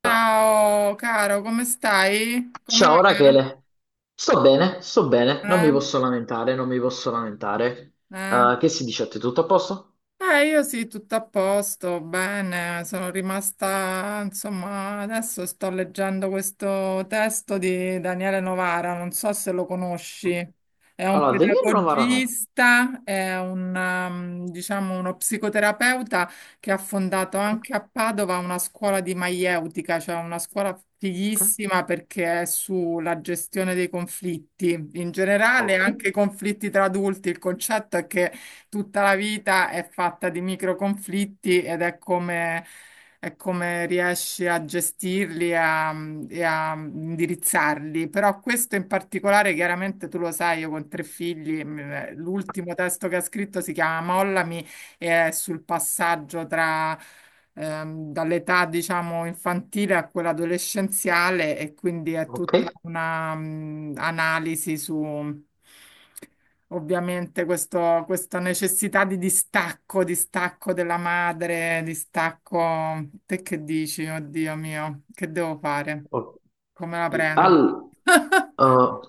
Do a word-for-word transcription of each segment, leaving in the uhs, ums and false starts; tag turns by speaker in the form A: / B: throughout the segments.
A: Ciao caro, come stai? Come va?
B: Ciao Rachele, sto bene, sto bene, non
A: Eh?
B: mi posso lamentare, non mi posso lamentare.
A: Eh?
B: Eh, che si dice a te? Tutto a posto?
A: Eh, io sì, tutto a posto, bene, sono rimasta, insomma, adesso sto leggendo questo testo di Daniele Novara, non so se lo conosci. È un
B: Allora, Daniele Novara no.
A: pedagogista, è un, ehm, diciamo, uno psicoterapeuta che ha fondato
B: Ok,
A: anche a Padova una scuola di maieutica, cioè una scuola fighissima perché è sulla gestione dei conflitti, in generale
B: ok, ok,
A: anche i conflitti tra adulti. Il concetto è che tutta la vita è fatta di micro conflitti ed è come, è come riesci a gestirli e a, e a indirizzarli. Però questo in particolare, chiaramente tu lo sai, io con tre figli, mh, l'ultimo testo che ha scritto si chiama Mollami e è sul passaggio tra ehm, dall'età, diciamo, infantile a quella adolescenziale, e quindi è
B: ok.
A: tutta una mm, analisi su, ovviamente questo- questa necessità di distacco, distacco della madre, distacco. Te che dici? Oddio mio, che devo fare?
B: Ok.
A: Come la prendo?
B: Al- eh, no,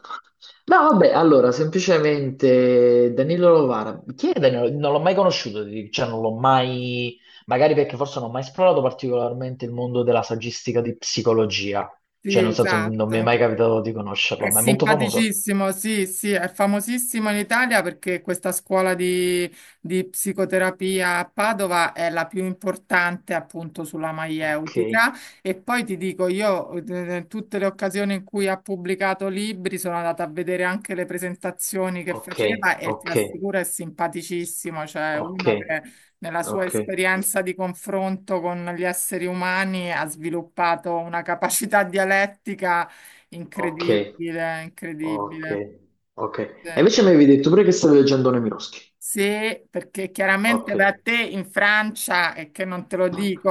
B: vabbè, allora, semplicemente Danilo Novara. Chi è Danilo? Non l'ho mai conosciuto, ti dico, cioè non l'ho mai. Magari perché forse non ho mai esplorato particolarmente il mondo della saggistica di psicologia. Cioè,
A: Sì,
B: nel senso, non mi è
A: esatto.
B: mai capitato di
A: È
B: conoscerlo, ma è molto famoso.
A: simpaticissimo, sì, sì, è famosissimo in Italia perché questa scuola di, di psicoterapia a Padova è la più importante appunto sulla
B: Ok,
A: maieutica. E poi ti dico, io eh, tutte le occasioni in cui ha pubblicato libri sono andata a vedere anche le presentazioni che
B: ok,
A: faceva, e
B: ok,
A: ti assicuro è simpaticissimo, cioè
B: ok,
A: uno che nella sua
B: ok,
A: esperienza di confronto con gli esseri umani ha sviluppato una capacità dialettica
B: ok,
A: incredibile,
B: ok,
A: incredibile.
B: ok. E
A: Sì,
B: invece mi avevi detto pure che stavi leggendo Nemirovsky.
A: sì, perché
B: Ok,
A: chiaramente da te in Francia, e che non te lo dico,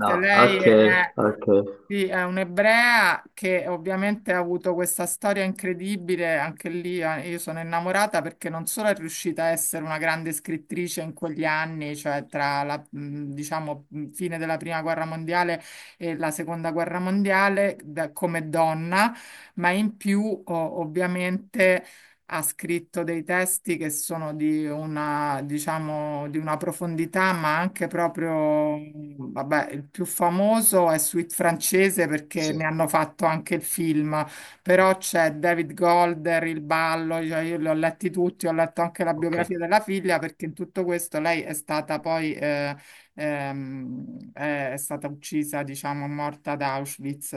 B: no,
A: lei
B: ok,
A: è,
B: ok,
A: sì, è un'ebrea che ovviamente ha avuto questa storia incredibile. Anche lì eh, io sono innamorata perché non solo è riuscita a essere una grande scrittrice in quegli anni, cioè tra la, mh, diciamo, mh, fine della Prima Guerra Mondiale e la Seconda Guerra Mondiale, da- come donna, ma in più o- ovviamente ha scritto dei testi che sono di una, diciamo, di una profondità, ma anche proprio, vabbè, il più famoso è Suite francese perché
B: sì,
A: ne hanno fatto anche il film,
B: sì,
A: però c'è David Golder, Il ballo, cioè io li ho letti tutti. Ho letto anche la
B: ok.
A: biografia della figlia perché in tutto questo lei è stata poi, eh, ehm, è è stata uccisa, diciamo, morta ad Auschwitz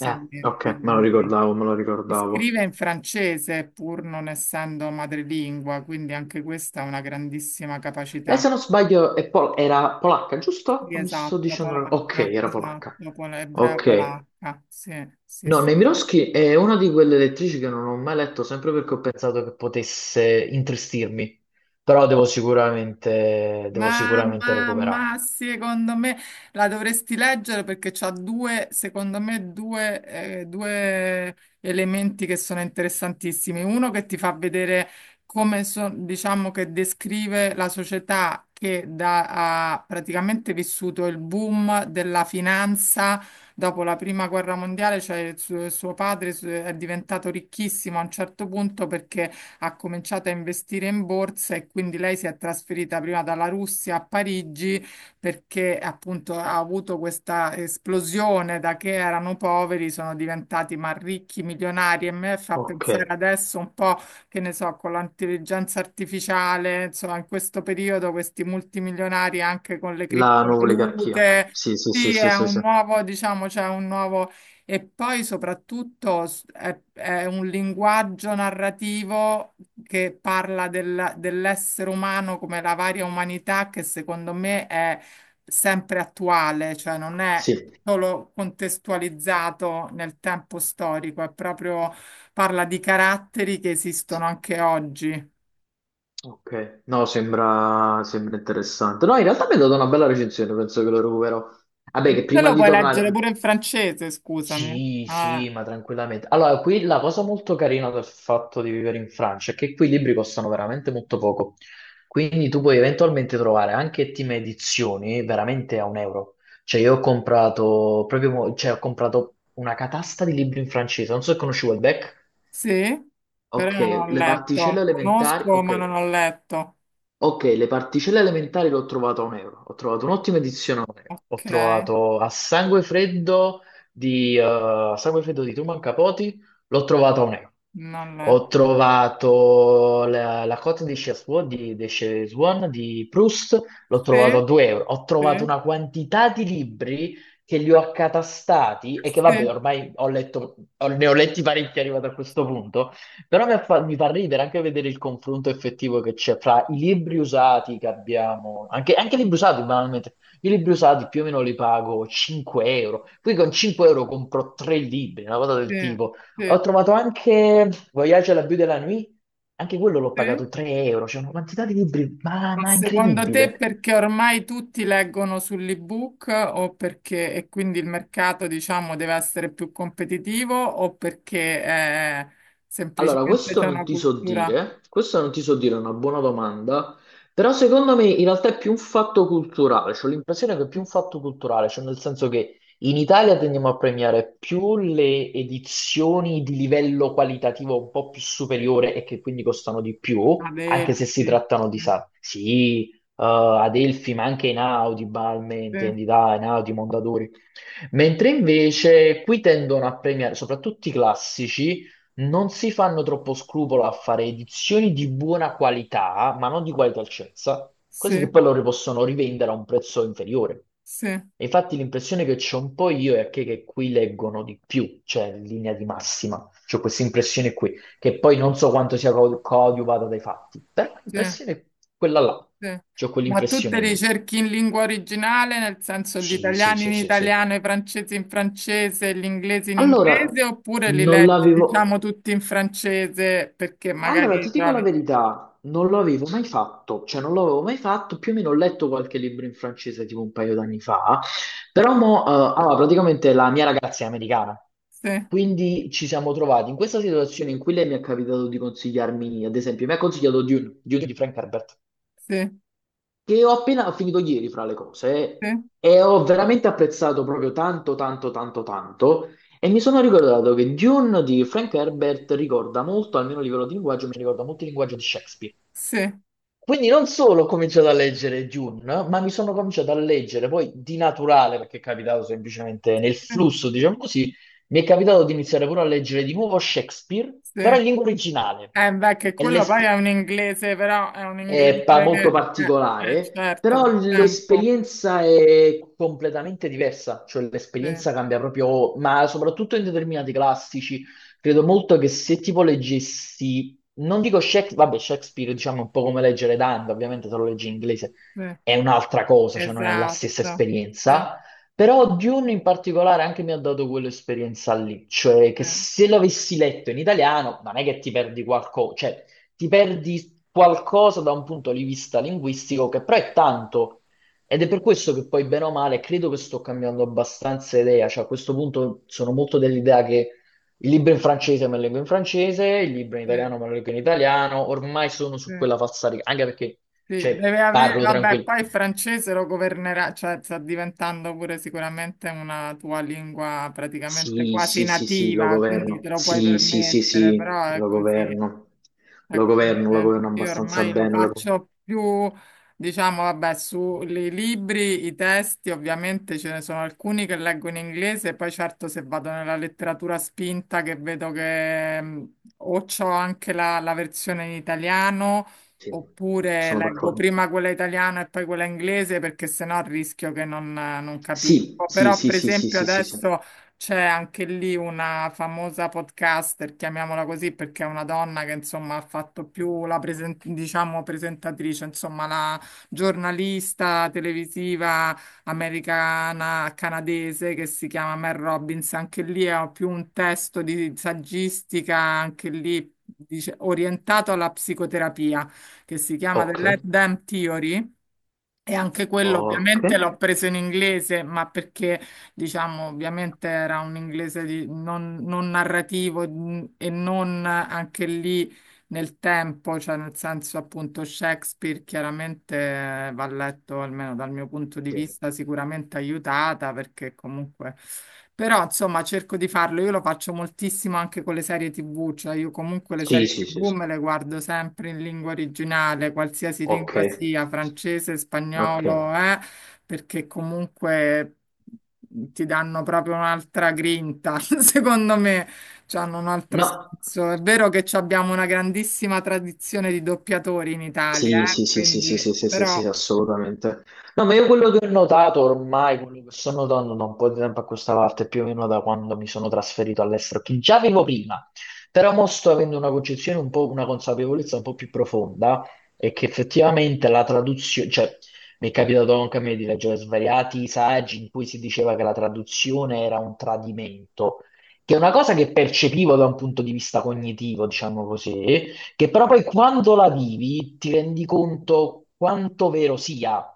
B: Eh, ok, me lo
A: quindi.
B: ricordavo, me lo
A: E
B: ricordavo.
A: scrive in francese pur non essendo madrelingua, quindi anche questa è una grandissima
B: Lei se
A: capacità.
B: non sbaglio è pol- era polacca, giusto?
A: Sì,
B: O mi sto
A: esatto,
B: dicendo. una- Ok,
A: polacca,
B: era polacca.
A: esatto, pol- ebrea
B: Ok,
A: polacca, sì, sì,
B: no,
A: sì.
B: Nemiroski è una di quelle lettrici che non ho mai letto, sempre perché ho pensato che potesse intristirmi, però devo sicuramente, devo
A: Ma,
B: sicuramente
A: ma,
B: recuperare.
A: ma, secondo me la dovresti leggere perché c'ha due, secondo me, due, eh, due elementi che sono interessantissimi. Uno, che ti fa vedere come, so- diciamo, che descrive la società che da- ha praticamente vissuto il boom della finanza dopo la prima guerra mondiale, cioè il suo, suo padre su- è diventato ricchissimo a un certo punto perché ha cominciato a investire in borsa, e quindi lei si è trasferita prima dalla Russia a Parigi perché appunto ha avuto questa esplosione: da che erano poveri, sono diventati ma ricchi, milionari, e me fa
B: Ok,
A: pensare adesso un po', che ne so, con l'intelligenza artificiale, insomma, in questo periodo questi multimilionari anche con le
B: la nuova oligarchia.
A: criptovalute.
B: Sì, sì, sì,
A: Sì,
B: sì,
A: è
B: sì,
A: un
B: sì.
A: nuovo, diciamo, c'è un nuovo. E poi soprattutto s- è, è un linguaggio narrativo che parla del- dell'essere umano, come la varia umanità che secondo me è sempre attuale, cioè non è
B: Sì,
A: solo contestualizzato nel tempo storico, è proprio, parla di caratteri che
B: sì.
A: esistono anche oggi.
B: Ok. No, sembra, sembra interessante. No, in realtà mi è data una bella recensione, penso che lo recuperò.
A: E
B: Vabbè, che
A: te
B: prima
A: lo
B: di
A: puoi leggere pure
B: tornare.
A: in francese, scusami.
B: Sì, sì,
A: Ah,
B: ma tranquillamente. Allora, qui la cosa molto carina del fatto di vivere in Francia è che qui i libri costano veramente molto poco. Quindi tu puoi eventualmente trovare anche team edizioni veramente a un euro. Cioè, io ho comprato proprio, mo- cioè, ho comprato una catasta di libri in francese. Non so se conosci Welbeck.
A: sì, però
B: Ok,
A: non l'ho
B: le particelle
A: letto.
B: elementari.
A: Conosco,
B: Ok.
A: ma non l'ho letto.
B: Ok, le particelle elementari l'ho trovato a un euro, ho trovato un'ottima edizione a un euro, ho
A: Ok,
B: trovato a sangue freddo di, eh, a sangue freddo di Truman Capote, l'ho trovato a un euro.
A: non l'ho.
B: Ho trovato la, la cotta di Chef's di, di Chez Swan di Proust, l'ho
A: Sì,
B: trovato a due euro. Ho
A: sì,
B: trovato una quantità di libri che li ho accatastati e che vabbè,
A: sì,
B: ormai ho letto, ho- ne ho letti parecchi arrivato a questo punto, però mi fa, mi fa ridere anche vedere il confronto effettivo che c'è fra i libri usati che abbiamo, anche, anche i libri usati banalmente, i libri usati più o meno li pago cinque euro, qui con cinque euro compro tre libri, una cosa del
A: sì,
B: tipo. Ho
A: sì,
B: trovato anche Voyage à la Vue de la Nuit, anche quello l'ho pagato
A: sì.
B: tre euro, c'è una quantità di libri, ma,
A: Ma
B: ma
A: secondo te
B: incredibile.
A: perché ormai tutti leggono sull'ebook, o perché e quindi il mercato, diciamo, deve essere più competitivo, o perché eh,
B: Allora,
A: semplicemente
B: questo
A: c'è
B: non
A: una
B: ti so
A: cultura
B: dire, questo non ti so dire, è una buona domanda, però secondo me in realtà è più un fatto culturale, ho l'impressione che è più un fatto culturale, cioè nel senso che in Italia tendiamo a premiare più le edizioni di livello qualitativo un po' più superiore e che quindi costano di più, anche se si
A: adelti?
B: trattano di,
A: Sì,
B: sa, sì, eh, Adelphi, ma anche Einaudi, Balmain,
A: sì,
B: intendi, dai, Einaudi, Mondadori. Mentre invece qui tendono a premiare soprattutto i classici, non si fanno troppo scrupolo a fare edizioni di buona qualità, ma non di qualità altezza, così
A: sì,
B: che poi loro possono rivendere a un prezzo inferiore.
A: sì,
B: E infatti l'impressione che c'ho un po' io è che, che qui leggono di più, cioè in linea di massima. C'ho questa impressione qui, che poi non so quanto sia co- coadiuvata dai fatti, però
A: sì.
B: l'impressione è quella là.
A: Sì.
B: C'ho
A: Ma tu te
B: quell'impressione
A: li
B: lì.
A: cerchi in lingua originale, nel senso gli
B: Sì, sì,
A: italiani in
B: sì, sì, sì.
A: italiano, i francesi in francese, gli inglesi in
B: Allora,
A: inglese, oppure li
B: non
A: leggi, diciamo,
B: l'avevo.
A: tutti in francese perché magari
B: Allora, ti
A: li
B: dico la
A: trovi?
B: verità, non lo avevo mai fatto, cioè non l'avevo mai fatto, più o meno ho letto qualche libro in francese tipo un paio d'anni fa, però mo, eh, allora, praticamente la mia ragazza è americana,
A: Sì,
B: quindi ci siamo trovati in questa situazione in cui lei mi è capitato di consigliarmi, ad esempio, mi ha consigliato Dune, Dune di Frank Herbert,
A: sì,
B: che ho appena finito ieri fra le cose
A: sì,
B: e ho veramente apprezzato proprio tanto, tanto, tanto, tanto. E mi sono ricordato che Dune di Frank Herbert ricorda molto, almeno a livello di linguaggio, mi ricorda molto il linguaggio di Shakespeare.
A: sì,
B: Quindi non solo ho cominciato a leggere Dune, ma mi sono cominciato a leggere poi di naturale, perché è capitato semplicemente nel
A: sì,
B: flusso, diciamo così, mi è capitato di iniziare pure a leggere di nuovo Shakespeare,
A: sì.
B: però in lingua originale.
A: Eh beh, che
B: E
A: quello poi è
B: l'esp-
A: un inglese, però è un
B: è pa- molto
A: inglese, eh, eh,
B: particolare,
A: certo,
B: però
A: del tempo.
B: l'esperienza è completamente diversa, cioè
A: Sì,
B: l'esperienza cambia proprio, ma soprattutto in determinati classici, credo molto che se tipo leggessi, non dico Shakespeare, vabbè Shakespeare diciamo è un po' come leggere Dante, ovviamente se lo leggi in inglese
A: sì,
B: è un'altra cosa, cioè non è la stessa
A: esatto. Sì,
B: esperienza, però Dune in particolare anche mi ha dato quell'esperienza lì, cioè che
A: sì,
B: se l'avessi letto in italiano non è che ti perdi qualcosa, cioè ti perdi qualcosa da un punto di vista linguistico che però è tanto. Ed è per questo che poi, bene o male, credo che sto cambiando abbastanza idea. Cioè, a questo punto sono molto dell'idea che il libro in francese me lo leggo in francese, il libro in
A: sì,
B: italiano me lo leggo in italiano. Ormai sono
A: sì.
B: su quella falsariga, anche perché,
A: Sì,
B: cioè,
A: deve avere,
B: parlo
A: vabbè,
B: tranquillo.
A: poi il francese lo governerà, cioè sta diventando pure sicuramente una tua lingua praticamente
B: Sì,
A: quasi
B: sì, sì, sì, lo
A: nativa, quindi te
B: governo.
A: lo puoi
B: Sì, sì, sì,
A: permettere,
B: sì,
A: però è
B: lo
A: così.
B: governo. Lo
A: Ecco,
B: governo, lo
A: eh,
B: governo
A: io
B: abbastanza
A: ormai lo
B: bene. Lo.
A: faccio più, diciamo, vabbè, sui libri, i testi. Ovviamente ce ne sono alcuni che leggo in inglese, poi certo se vado nella letteratura spinta che vedo che mh, o c'ho anche la, la versione in italiano,
B: Sì,
A: oppure
B: sono
A: leggo
B: d'accordo.
A: prima quella italiana e poi quella inglese, perché sennò rischio che non non
B: Sì,
A: capisco.
B: sì,
A: Però,
B: sì,
A: per
B: sì, sì,
A: esempio,
B: sì, sì, sì.
A: adesso. C'è anche lì una famosa podcaster, chiamiamola così, perché è una donna che insomma ha fatto più la presen- diciamo presentatrice, insomma la giornalista televisiva americana canadese che si chiama Mel Robbins. Anche lì è più un testo di saggistica, anche lì dice, orientato alla psicoterapia, che si chiama The
B: Ok,
A: Let Them Theory, e anche quello
B: ok.
A: ovviamente l'ho preso in inglese, ma perché diciamo ovviamente era un inglese di- non, non narrativo, mm, e non eh, anche lì nel tempo, cioè nel senso appunto Shakespeare chiaramente eh, va letto, almeno dal mio punto di
B: Sì.
A: vista, sicuramente aiutata perché comunque. Però insomma cerco di farlo, io lo faccio moltissimo anche con le serie T V, cioè io comunque le
B: Sì,
A: serie
B: sì, sì,
A: T V
B: sì.
A: me le guardo sempre in lingua originale, qualsiasi
B: Ok,
A: lingua sia, francese,
B: ok.
A: spagnolo, eh, perché comunque ti danno proprio un'altra grinta, secondo me. Cioè, hanno un altro
B: No.
A: senso. È vero che ci abbiamo una grandissima tradizione di doppiatori in Italia,
B: Sì,
A: eh,
B: sì, sì, sì, sì,
A: Quindi,
B: sì, sì, sì, sì,
A: però,
B: assolutamente. No, ma io quello che ho notato ormai, quello che sto notando da un po' di tempo a questa parte, più o meno da quando mi sono trasferito all'estero, che già avevo prima, però mo sto avendo una concezione un po', una consapevolezza un po' più profonda, è che effettivamente la traduzione, cioè mi è capitato anche a me di leggere svariati saggi in cui si diceva che la traduzione era un tradimento, che è una cosa che percepivo da un punto di vista cognitivo, diciamo così, che però poi quando la vivi ti rendi conto quanto vero sia.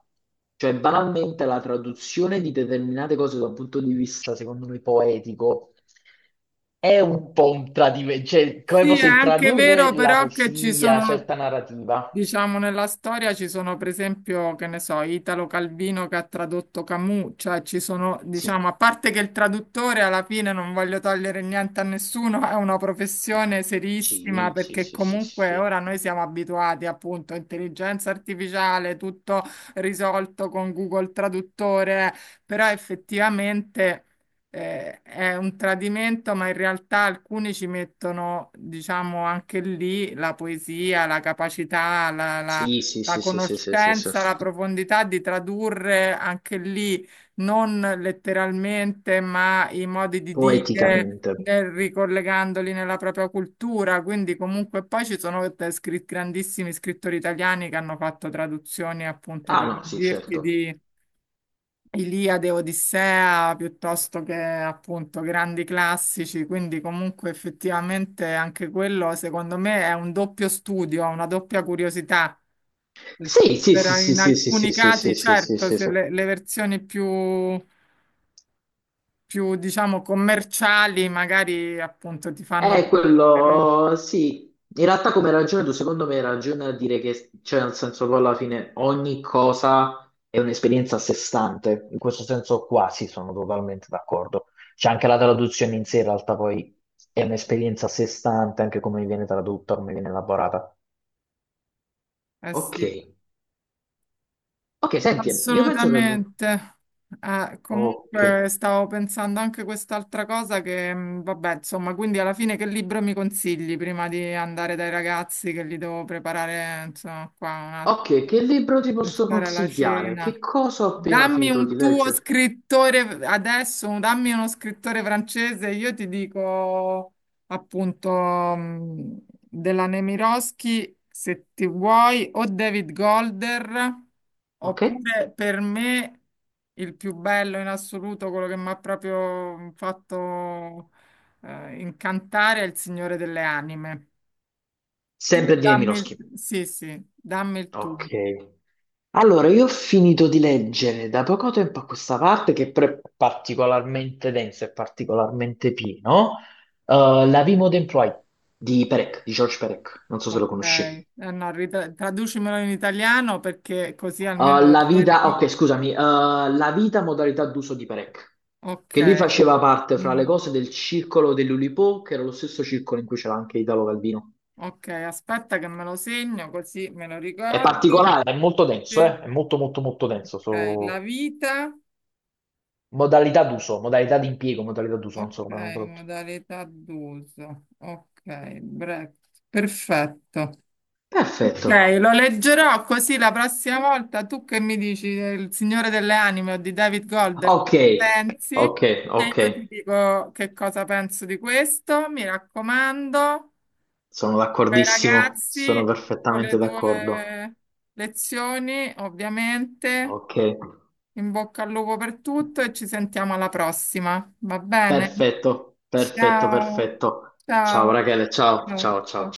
B: Cioè, banalmente la traduzione di determinate cose da un punto di vista, secondo me, poetico è un po' un tradimento, cioè, come
A: sì, è
B: fosse
A: anche
B: tradurre
A: vero
B: la
A: però che ci
B: poesia,
A: sono,
B: certa narrativa.
A: diciamo, nella storia ci sono, per esempio, che ne so, Italo Calvino, che ha tradotto Camus, cioè ci sono,
B: Sì,
A: diciamo, a parte che il traduttore alla fine, non voglio togliere niente a nessuno, è una professione serissima,
B: sì, sì,
A: perché
B: sì, sì,
A: comunque
B: sì,
A: ora noi siamo abituati appunto a intelligenza artificiale, tutto risolto con Google Traduttore, però effettivamente eh, è un tradimento, ma in realtà alcuni ci mettono, diciamo, anche lì la poesia, la capacità, la, la-
B: sì, sì,
A: la
B: sì, sì, sì, sì, sì, sì.
A: conoscenza, la profondità di tradurre anche lì non letteralmente, ma i modi di dire.
B: Poeticamente.
A: Nel- ricollegandoli nella propria cultura, quindi comunque poi ci sono te- scri- grandissimi scrittori italiani che hanno fatto traduzioni appunto,
B: Ah
A: per
B: no, sì,
A: dirti,
B: certo.
A: Iliade, Odissea, piuttosto che appunto grandi classici, quindi comunque effettivamente anche quello secondo me è un doppio studio, una doppia curiosità, perché
B: Sì, sì, sì,
A: per-
B: sì,
A: in
B: sì, sì,
A: alcuni
B: sì, sì, sì,
A: casi
B: sì, sì,
A: certo
B: sì,
A: se
B: sì.
A: le, le versioni più, più diciamo commerciali magari appunto ti fanno
B: Eh,
A: perdere,
B: quello sì. In realtà come ragione tu secondo me hai ragione a dire che, cioè nel senso poi alla fine ogni cosa è un'esperienza a sé stante, in questo senso quasi sono totalmente d'accordo. C'è anche la traduzione in sé, in realtà poi è un'esperienza a sé stante, anche come viene tradotta, come viene elaborata.
A: eh
B: Ok,
A: sì.
B: ok, senti, io penso che abbiamo-
A: Assolutamente. Eh,
B: Ok,
A: comunque stavo pensando anche quest'altra cosa che, mh, vabbè, insomma, quindi alla fine che libro mi consigli, prima di andare dai ragazzi che li devo preparare, insomma, qua, un attimo,
B: ok, che libro ti posso
A: pensare alla
B: consigliare? Che
A: cena?
B: cosa ho appena
A: Dammi
B: finito di
A: un tuo
B: leggere?
A: scrittore adesso, un- dammi uno scrittore francese, io ti dico appunto, mh, della Nemirovsky, se ti vuoi, o David Golder,
B: Ok?
A: oppure per me il più bello in assoluto, quello che mi ha proprio fatto eh, incantare, è Il Signore delle Anime. Tu
B: Sempre di
A: dammi il,
B: Nemirovsky.
A: sì, sì, dammi il tuo.
B: Ok. Allora, io ho finito di leggere da poco tempo a questa parte, che però è particolarmente densa e particolarmente pieno, eh, La vie moderne di Perec, di George Perec, non so se
A: Ok,
B: lo
A: eh,
B: conosci.
A: no, rit- traducimelo in italiano perché così
B: Eh,
A: almeno lo
B: la vita,
A: cerco.
B: ok, scusami, eh, La vita modalità d'uso di Perec,
A: Ok.
B: che lui faceva parte, fra le
A: Mm,
B: cose, del circolo dell'Oulipo, che era lo stesso circolo in cui c'era anche Italo Calvino.
A: ok, aspetta che me lo segno così me lo
B: È
A: ricordo.
B: particolare. È molto denso,
A: Sì.
B: eh? È molto molto molto denso.
A: Ok, la
B: so-
A: vita,
B: Modalità d'uso, modalità di impiego, modalità d'uso, non
A: ok,
B: so come l'hanno tradotto.
A: modalità d'uso, ok, break, perfetto.
B: Perfetto.
A: Ok, lo leggerò, così la prossima volta tu che mi dici del Signore delle Anime o di David Golder, che
B: Ok,
A: ne pensi?
B: ok,
A: E
B: ok.
A: io ti dico che cosa penso di questo. Mi raccomando,
B: Sono
A: ai
B: d'accordissimo, sono
A: ragazzi, con le
B: perfettamente d'accordo.
A: tue lezioni, ovviamente,
B: Ok,
A: in bocca al lupo per tutto, e ci sentiamo alla prossima, va bene?
B: perfetto, perfetto,
A: Ciao,
B: perfetto. Ciao
A: ciao.
B: Rachele, ciao,
A: Ciao.
B: ciao,
A: Ciao.
B: ciao.